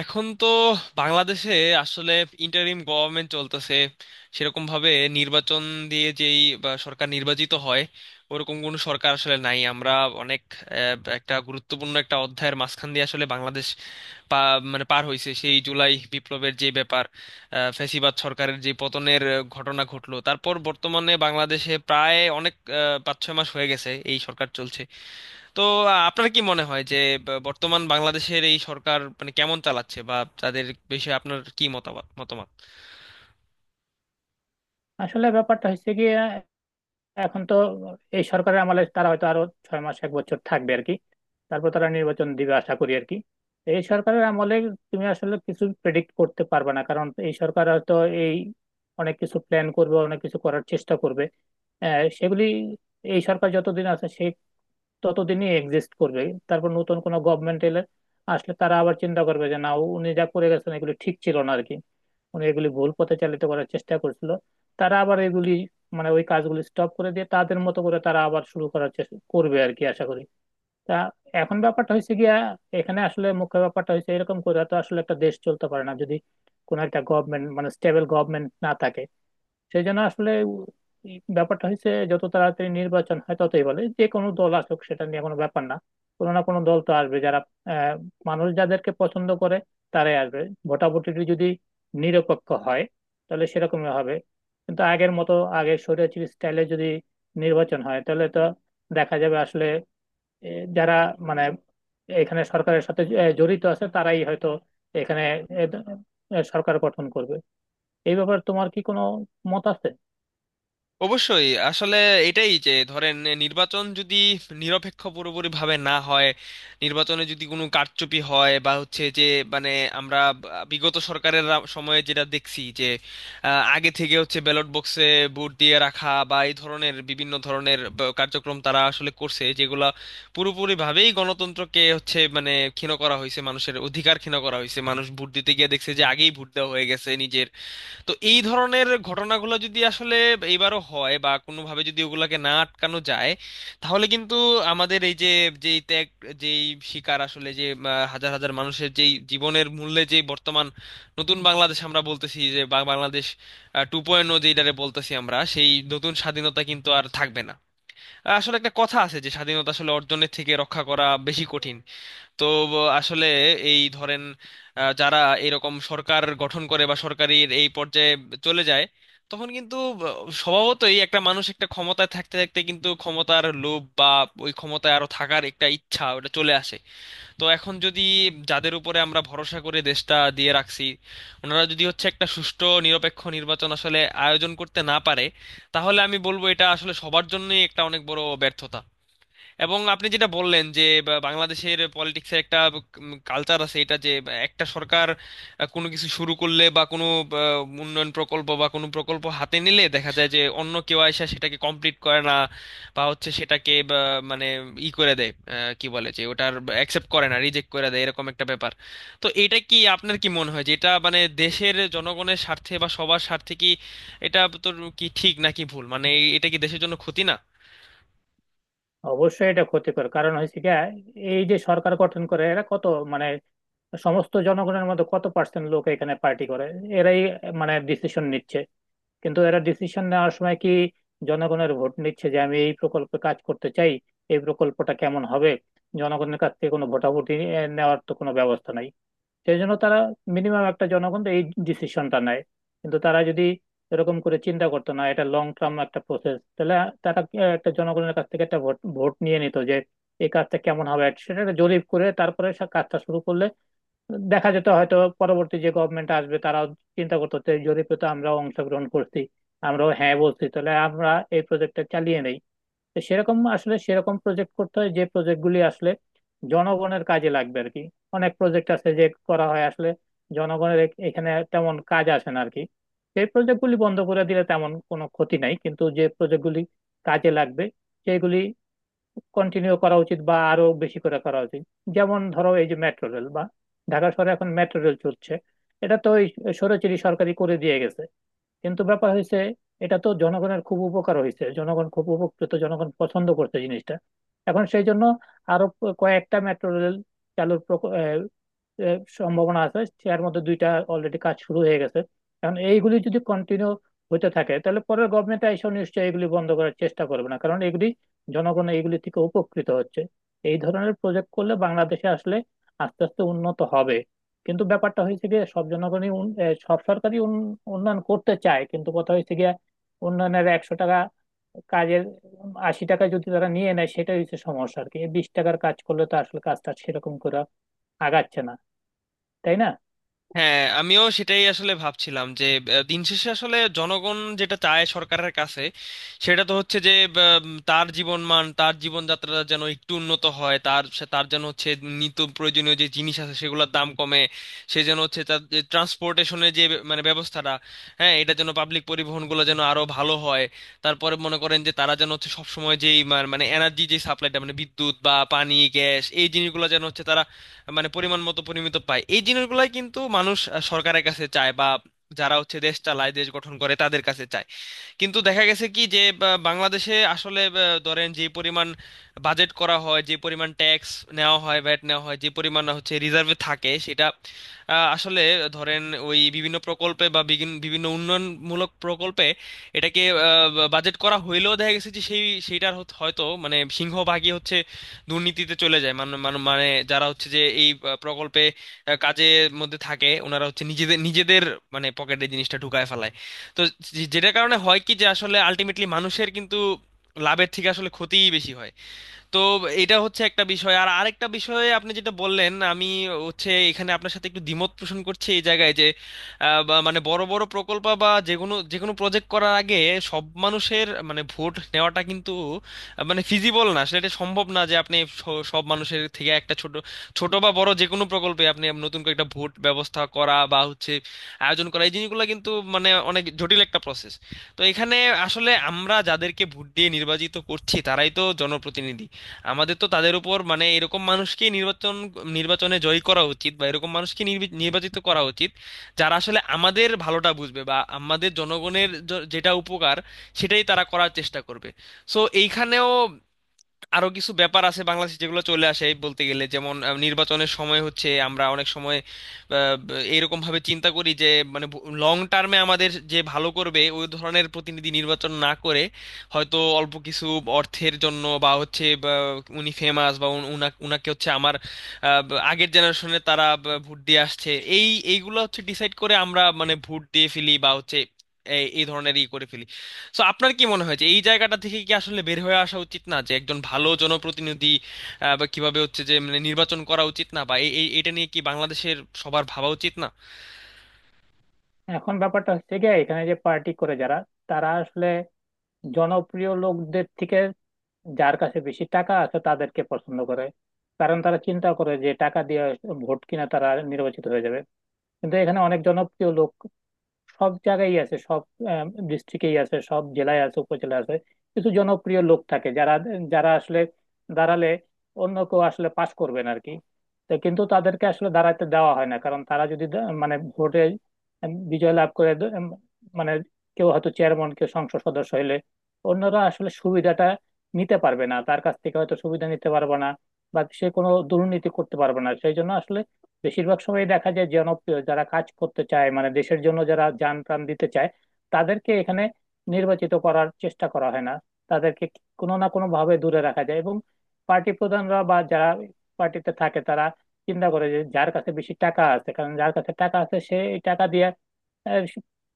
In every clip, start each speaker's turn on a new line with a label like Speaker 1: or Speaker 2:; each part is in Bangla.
Speaker 1: এখন তো বাংলাদেশে আসলে ইন্টারিম গভর্নমেন্ট চলতেছে। সেরকম ভাবে নির্বাচন দিয়ে যেই বা সরকার নির্বাচিত হয়, ওরকম কোনো সরকার আসলে নাই। আমরা অনেক একটা গুরুত্বপূর্ণ একটা অধ্যায়ের মাঝখান দিয়ে আসলে বাংলাদেশ পা মানে পার হয়েছে। সেই জুলাই বিপ্লবের যে ব্যাপার, ফ্যাসিবাদ সরকারের যে পতনের ঘটনা ঘটলো, তারপর বর্তমানে বাংলাদেশে প্রায় অনেক 5-6 মাস হয়ে গেছে এই সরকার চলছে। তো আপনার কি মনে হয় যে বর্তমান বাংলাদেশের এই সরকার মানে কেমন চালাচ্ছে, বা তাদের বিষয়ে আপনার কি মতামত মতামত?
Speaker 2: আসলে ব্যাপারটা হচ্ছে কি, এখন তো এই সরকারের আমলে তারা হয়তো আরো 6 মাস এক বছর থাকবে আর কি। তারপর তারা নির্বাচন দিবে আশা করি আর কি। তো এই সরকারের আমলে তুমি আসলে কিছু প্রেডিক্ট করতে পারবে না, কারণ এই সরকার হয়তো এই অনেক কিছু প্ল্যান করবে, অনেক কিছু করার চেষ্টা করবে। সেগুলি এই সরকার যতদিন আছে সে ততদিনই এক্সিস্ট করবে। তারপর নতুন কোনো গভর্নমেন্ট এলে আসলে তারা আবার চিন্তা করবে যে না, উনি যা করে গেছেন এগুলি ঠিক ছিল না আর কি। মানে এগুলি ভুল পথে চালিত করার চেষ্টা করছিল, তারা আবার এগুলি মানে ওই কাজগুলি স্টপ করে দিয়ে তাদের মতো করে তারা আবার শুরু করার চেষ্টা করবে আর কি, আশা করি। তা এখন ব্যাপারটা হয়েছে গিয়া, এখানে আসলে মুখ্য ব্যাপারটা হয়েছে এরকম করে তো আসলে একটা দেশ চলতে পারে না যদি কোনো একটা গভর্নমেন্ট মানে স্টেবল গভর্নমেন্ট না থাকে। সেই জন্য আসলে এই ব্যাপারটা হচ্ছে যত তাড়াতাড়ি নির্বাচন হয় ততই ভালো, যে কোনো দল আসুক সেটা নিয়ে কোনো ব্যাপার না। কোনো না কোনো দল তো আসবে যারা আহ, মানুষ যাদেরকে পছন্দ করে তারাই আসবে। ভোটাভুটিটি যদি নিরপেক্ষ হয় তাহলে সেরকমই হবে। কিন্তু আগের মতো আগে স্বৈরাচারী স্টাইলে যদি নির্বাচন হয় তাহলে তো দেখা যাবে আসলে এ, যারা মানে এখানে সরকারের সাথে জড়িত আছে তারাই হয়তো এখানে এ, এ, সরকার গঠন করবে। এই ব্যাপারে তোমার কি কোনো মত আছে?
Speaker 1: অবশ্যই। আসলে এটাই, যে ধরেন নির্বাচন যদি নিরপেক্ষ পুরোপুরি ভাবে না হয়, নির্বাচনে যদি কোনো কারচুপি হয় বা হচ্ছে যে, মানে আমরা বিগত সরকারের সময়ে যেটা দেখছি যে, আগে থেকে হচ্ছে ব্যালট বক্সে ভোট দিয়ে রাখা বা এই ধরনের বিভিন্ন ধরনের কার্যক্রম তারা আসলে করছে, যেগুলা পুরোপুরি ভাবেই গণতন্ত্রকে হচ্ছে মানে ক্ষীণ করা হয়েছে, মানুষের অধিকার ক্ষীণ করা হয়েছে, মানুষ ভোট দিতে গিয়ে দেখছে যে আগেই ভোট দেওয়া হয়ে গেছে নিজের। তো এই ধরনের ঘটনাগুলো যদি আসলে এবারও হয় বা কোনোভাবে যদি ওগুলাকে না আটকানো যায়, তাহলে কিন্তু আমাদের এই যে যেই ত্যাগ, যেই শিকার আসলে, যে হাজার হাজার মানুষের যেই জীবনের মূল্যে যে বর্তমান নতুন বাংলাদেশ আমরা বলতেছি, যে বাংলাদেশ 2.0 যেটারে বলতেছি আমরা, সেই নতুন স্বাধীনতা কিন্তু আর থাকবে না। আসলে একটা কথা আছে যে স্বাধীনতা আসলে অর্জনের থেকে রক্ষা করা বেশি কঠিন। তো আসলে এই ধরেন, যারা এরকম সরকার গঠন করে বা সরকারের এই পর্যায়ে চলে যায়, তখন কিন্তু স্বভাবতই একটা মানুষ একটা ক্ষমতায় থাকতে থাকতে কিন্তু ক্ষমতার লোভ বা ওই ক্ষমতায় আরো থাকার একটা ইচ্ছা, ওটা চলে আসে। তো এখন যদি যাদের উপরে আমরা ভরসা করে দেশটা দিয়ে রাখছি, ওনারা যদি হচ্ছে একটা সুষ্ঠু নিরপেক্ষ নির্বাচন আসলে আয়োজন করতে না পারে, তাহলে আমি বলবো এটা আসলে সবার জন্যই একটা অনেক বড় ব্যর্থতা। এবং আপনি যেটা বললেন যে বাংলাদেশের পলিটিক্সের একটা কালচার আছে, এটা যে একটা সরকার কোনো কিছু শুরু করলে বা কোনো উন্নয়ন প্রকল্প বা কোনো প্রকল্প হাতে নিলে দেখা যায় যে অন্য কেউ এসে সেটাকে কমপ্লিট করে না, বা হচ্ছে সেটাকে বা, মানে ই করে দেয়, কি বলে, যে ওটার অ্যাকসেপ্ট করে না, রিজেক্ট করে দেয়, এরকম একটা ব্যাপার। তো এটা কি, আপনার কি মনে হয় যে এটা মানে দেশের জনগণের স্বার্থে বা সবার স্বার্থে কি এটা তো কি ঠিক নাকি ভুল, মানে এটা কি দেশের জন্য ক্ষতি না?
Speaker 2: অবশ্যই এটা ক্ষতিকর, কারণ হয়েছে কি, এই যে সরকার গঠন করে এরা কত মানে সমস্ত জনগণের মধ্যে কত পার্সেন্ট লোক এখানে পার্টি করে, এরাই মানে ডিসিশন নিচ্ছে। কিন্তু এরা ডিসিশন নেওয়ার সময় কি জনগণের ভোট নিচ্ছে যে আমি এই প্রকল্পে কাজ করতে চাই, এই প্রকল্পটা কেমন হবে? জনগণের কাছ থেকে কোনো ভোটাভুটি নেওয়ার তো কোনো ব্যবস্থা নাই। সেই জন্য তারা মিনিমাম একটা জনগণ তো এই ডিসিশনটা নেয়। কিন্তু তারা যদি এরকম করে চিন্তা করতো, না এটা লং টার্ম একটা প্রসেস, তাহলে তারা একটা জনগণের কাছ থেকে একটা ভোট ভোট নিয়ে নিত যে এই কাজটা কেমন হবে, সেটা একটা জরিপ করে তারপরে সে কাজটা শুরু করলে দেখা যেত হয়তো পরবর্তী যে গভর্নমেন্ট আসবে তারাও চিন্তা করতো যে এই জরিপে তো আমরাও অংশগ্রহণ করছি, আমরাও হ্যাঁ বলছি, তাহলে আমরা এই প্রজেক্টটা চালিয়ে নেই। তো সেরকম আসলে সেরকম প্রজেক্ট করতে হয় যে প্রজেক্ট গুলি আসলে জনগণের কাজে লাগবে আর কি। অনেক প্রজেক্ট আছে যে করা হয় আসলে জনগণের এখানে তেমন কাজ আসে না আর কি। সেই প্রজেক্ট গুলি বন্ধ করে দিলে তেমন কোনো ক্ষতি নাই, কিন্তু যে প্রজেক্ট গুলি কাজে লাগবে সেগুলি কন্টিনিউ করা উচিত বা আরো বেশি করে করা উচিত। যেমন ধরো এই যে মেট্রো রেল, বা ঢাকা শহরে এখন মেট্রো রেল চলছে, এটা তো ওই সৌরচিরি সরকারি করে দিয়ে গেছে। কিন্তু ব্যাপার হয়েছে এটা তো জনগণের খুব উপকার হয়েছে, জনগণ খুব উপকৃত, জনগণ পছন্দ করছে জিনিসটা। এখন সেই জন্য আরো কয়েকটা মেট্রো রেল চালুর প্রক- এ, এ, সম্ভাবনা আছে। এর মধ্যে দুইটা অলরেডি কাজ শুরু হয়ে গেছে। এখন এইগুলি যদি কন্টিনিউ হতে থাকে তাহলে পরের গভর্নমেন্ট এসে নিশ্চয়ই এগুলি বন্ধ করার চেষ্টা করবে না, কারণ এগুলি জনগণ এগুলি থেকে উপকৃত হচ্ছে। এই ধরনের প্রজেক্ট করলে বাংলাদেশে আসলে আস্তে আস্তে উন্নত হবে। কিন্তু ব্যাপারটা হয়েছে গিয়ে সব জনগণই সব সরকারই উন্নয়ন করতে চায়, কিন্তু কথা হয়েছে গিয়ে উন্নয়নের 100 টাকা কাজের 80 টাকা যদি তারা নিয়ে নেয় সেটাই হচ্ছে সমস্যা আর কি, 20 টাকার কাজ করলে তো আসলে কাজটা সেরকম করে আগাচ্ছে না, তাই না?
Speaker 1: হ্যাঁ, আমিও সেটাই আসলে ভাবছিলাম যে আহ, দিন শেষে আসলে জনগণ যেটা চায় সরকারের কাছে সেটা তো হচ্ছে যে তার জীবনমান, তার জীবনযাত্রা যেন একটু উন্নত হয়, তার তার যেন হচ্ছে নিত্য প্রয়োজনীয় যে জিনিস আছে সেগুলোর দাম কমে, সে যেন হচ্ছে তার ট্রান্সপোর্টেশনের যে transportation এর যে বে- মানে ব্যবস্থাটা, হ্যাঁ এটা যেন, পাবলিক পরিবহনগুলো যেন আরো ভালো হয়। তারপরে মনে করেন যে তারা যেন হচ্ছে সবসময় যেই মা- মানে এনার্জি, যে সাপ্লাইটা, মানে বিদ্যুৎ বা পানি, গ্যাস, এই জিনিসগুলো যেন হচ্ছে তারা মানে পরিমাণ মতো, পরিমিত পায়। এই জিনিসগুলাই কিন্তু মানুষ সরকারের কাছে চায়, বা যারা হচ্ছে দেশ চালায়, দেশ গঠন করে, তাদের কাছে চায়। কিন্তু দেখা গেছে কি যে বাংলাদেশে আসলে ধরেন, যে পরিমাণ বাজেট করা হয়, যে পরিমাণ ট্যাক্স নেওয়া হয়, ভ্যাট নেওয়া হয়, যে পরিমাণ হচ্ছে রিজার্ভে থাকে, সেটা আসলে ধরেন ওই বিভিন্ন প্রকল্পে বা বিভিন্ন উন্নয়নমূলক প্রকল্পে এটাকে বাজেট করা হইলেও দেখা গেছে যে সেই সেইটার হয়তো মানে সিংহভাগই হচ্ছে দুর্নীতিতে চলে যায়। মানে মানে মানে যারা হচ্ছে যে এই প্রকল্পে কাজের মধ্যে থাকে, ওনারা হচ্ছে নিজেদের নিজেদের মানে পকেটে জিনিসটা ঢুকায় ফেলায়। তো যেটার কারণে হয় কি, যে আসলে আলটিমেটলি মানুষের কিন্তু লাভের থেকে আসলে ক্ষতিই বেশি হয়। তো এটা হচ্ছে একটা বিষয়। আর আরেকটা বিষয়ে আপনি যেটা বললেন, আমি হচ্ছে এখানে আপনার সাথে একটু দ্বিমত পোষণ করছি এই জায়গায়, যে বা মানে বড় বড় প্রকল্প বা যে কোনো প্রজেক্ট করার আগে সব মানুষের মানে ভোট নেওয়াটা কিন্তু মানে ফিজিবল না। আসলে এটা সম্ভব না যে আপনি সব মানুষের থেকে একটা ছোট ছোট বা বড় যে কোনো প্রকল্পে আপনি নতুন করে একটা ভোট ব্যবস্থা করা বা হচ্ছে আয়োজন করা, এই জিনিসগুলো কিন্তু মানে অনেক জটিল একটা প্রসেস। তো এখানে আসলে আমরা যাদেরকে ভোট দিয়ে নির্বাচিত করছি, তারাই তো জনপ্রতিনিধি। আমাদের তো তাদের উপর মানে এরকম মানুষকে নির্বাচনে জয়ী করা উচিত, বা এরকম মানুষকে নির্বাচিত করা উচিত যারা আসলে আমাদের ভালোটা বুঝবে, বা আমাদের জনগণের যেটা উপকার, সেটাই তারা করার চেষ্টা করবে। সো এইখানেও আরো কিছু ব্যাপার আছে বাংলাদেশে যেগুলো চলে আসে, এই বলতে গেলে, যেমন নির্বাচনের সময় হচ্ছে আমরা অনেক সময় এইরকম ভাবে চিন্তা করি যে, মানে লং টার্মে আমাদের যে ভালো করবে ওই ধরনের প্রতিনিধি নির্বাচন না করে হয়তো অল্প কিছু অর্থের জন্য, বা হচ্ছে বা উনি ফেমাস, বা উনাকে হচ্ছে আমার আগের জেনারেশনে তারা ভোট দিয়ে আসছে, এইগুলো হচ্ছে ডিসাইড করে আমরা মানে ভোট দিয়ে ফেলি, বা হচ্ছে এই এই ধরনের ই করে ফেলি। সো আপনার কি মনে হয় যে এই জায়গাটা থেকে কি আসলে বের হয়ে আসা উচিত না, যে একজন ভালো জনপ্রতিনিধি বা কিভাবে হচ্ছে যে মানে নির্বাচন করা উচিত না, বা এই এই- এটা নিয়ে কি বাংলাদেশের সবার ভাবা উচিত না?
Speaker 2: এখন ব্যাপারটা হচ্ছে কি, এখানে যে পার্টি করে যারা, তারা আসলে জনপ্রিয় লোকদের থেকে যার কাছে বেশি টাকা আছে তাদেরকে পছন্দ করে। কারণ তারা চিন্তা করে যে টাকা দিয়ে ভোট কিনা তারা নির্বাচিত হয়ে যাবে। কিন্তু এখানে অনেক জনপ্রিয় লোক সব জায়গায় আছে, সব ডিস্ট্রিক্টেই আছে, সব জেলায় আছে, উপজেলায় আছে। কিছু জনপ্রিয় লোক থাকে যারা যারা আসলে দাঁড়ালে অন্য কেউ আসলে পাশ করবেন আর কি। তো কিন্তু তাদেরকে আসলে দাঁড়াতে দেওয়া হয় না, কারণ তারা যদি মানে ভোটে বিজয় লাভ করে মানে কেউ হয়তো চেয়ারম্যান, কেউ সংসদ সদস্য হইলে অন্যরা আসলে সুবিধাটা নিতে পারবে না, তার কাছ থেকে হয়তো সুবিধা নিতে পারবে না বা সে কোনো দুর্নীতি করতে পারবে না। সেই জন্য আসলে বেশিরভাগ সময় দেখা যায় জনপ্রিয় যারা কাজ করতে চায়, মানে দেশের জন্য যারা জান প্রাণ দিতে চায় তাদেরকে এখানে নির্বাচিত করার চেষ্টা করা হয় না, তাদেরকে কোনো না কোনো ভাবে দূরে রাখা যায়। এবং পার্টি প্রধানরা বা যারা পার্টিতে থাকে তারা চিন্তা করে যে যার কাছে বেশি টাকা আছে, কারণ যার কাছে টাকা আছে সে এই টাকা দিয়ে আহ,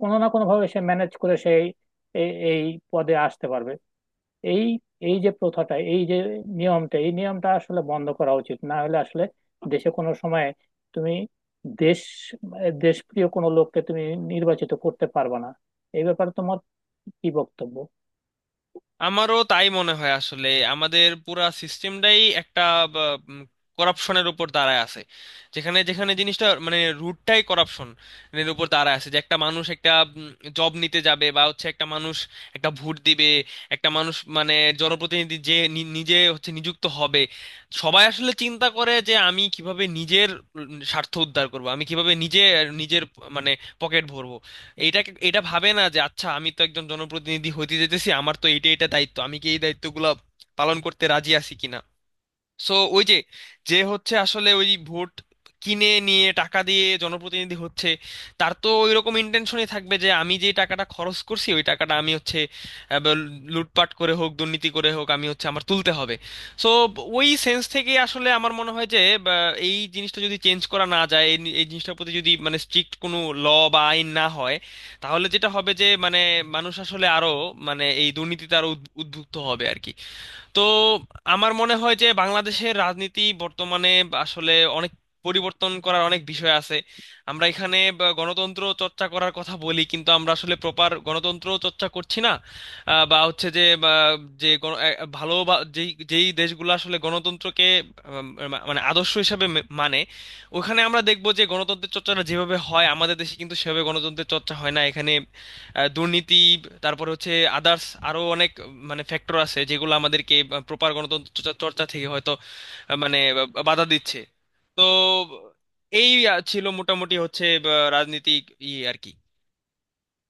Speaker 2: কোনো না কোনো ভাবে সে ম্যানেজ করে সেই এই এই পদে আসতে পারবে। এই এই যে প্রথাটা, এই যে নিয়মটা, এই নিয়মটা আসলে বন্ধ করা উচিত, না হলে আসলে দেশে কোনো সময় তুমি দেশ দেশপ্রিয় কোনো লোককে তুমি নির্বাচিত করতে পারবে না। এই ব্যাপারে তোমার কি বক্তব্য?
Speaker 1: আমারও তাই মনে হয় আসলে। আমাদের পুরা সিস্টেমটাই একটা করাপশনের উপর দাঁড়ায় আছে। যেখানে যেখানে জিনিসটা মানে রুটটাই করাপশন এর উপর দাঁড়ায় আছে, যে একটা মানুষ একটা জব নিতে যাবে, বা হচ্ছে একটা মানুষ একটা ভোট দিবে, একটা মানুষ মানে জনপ্রতিনিধি যে নিজে হচ্ছে নিযুক্ত হবে, সবাই আসলে চিন্তা করে যে আমি কিভাবে নিজের স্বার্থ উদ্ধার করব, আমি কিভাবে নিজে নিজের মানে পকেট ভরবো। এইটা এটা ভাবে না যে আচ্ছা আমি তো একজন জনপ্রতিনিধি হতে যেতেছি, আমার তো এটা দায়িত্ব, আমি কি এই দায়িত্বগুলো পালন করতে রাজি আছি কিনা। সো ওই যে, যে হচ্ছে আসলে ওই ভোট কিনে নিয়ে টাকা দিয়ে জনপ্রতিনিধি হচ্ছে, তার তো ওই রকম ইন্টেনশনই থাকবে যে আমি যে টাকাটা খরচ করছি ওই টাকাটা আমি হচ্ছে বা লুটপাট করে হোক, দুর্নীতি করে হোক, আমি হচ্ছে আমার তুলতে হবে। সো ওই সেন্স থেকে আসলে আমার মনে হয় যে এই জিনিসটা যদি চেঞ্জ করা না যায়, এই এই জিনিসটার প্রতি যদি মানে স্ট্রিক্ট কোনো ল বা আইন না হয়, তাহলে যেটা হবে যে মানে মানুষ আসলে আরো মানে এই দুর্নীতিতে আরো উদ্বুদ্ধ হবে আর কি। তো আমার মনে হয় যে বাংলাদেশের রাজনীতি বর্তমানে আসলে অনেক পরিবর্তন করার অনেক বিষয় আছে। আমরা এখানে বা গণতন্ত্র চর্চা করার কথা বলি, কিন্তু আমরা আসলে প্রপার গণতন্ত্র চর্চা করছি না। বা হচ্ছে যে বা যে ভালো বা যেই যেই দেশগুলো আসলে গণতন্ত্রকে মানে আদর্শ হিসাবে মানে ওখানে আমরা দেখবো যে গণতন্ত্রের চর্চাটা যেভাবে হয়, আমাদের দেশে কিন্তু সেভাবে গণতন্ত্রের চর্চা হয় না এখানে। দুর্নীতি, তারপরে হচ্ছে আদার্স, আরো অনেক মানে ফ্যাক্টর আছে যেগুলো আমাদেরকে প্রপার গণতন্ত্র চর্চা চর্চা থেকে হয়তো মানে বাধা দিচ্ছে। তো এই ছিল মোটামুটি হচ্ছে রাজনীতি ইয়ে আর কি।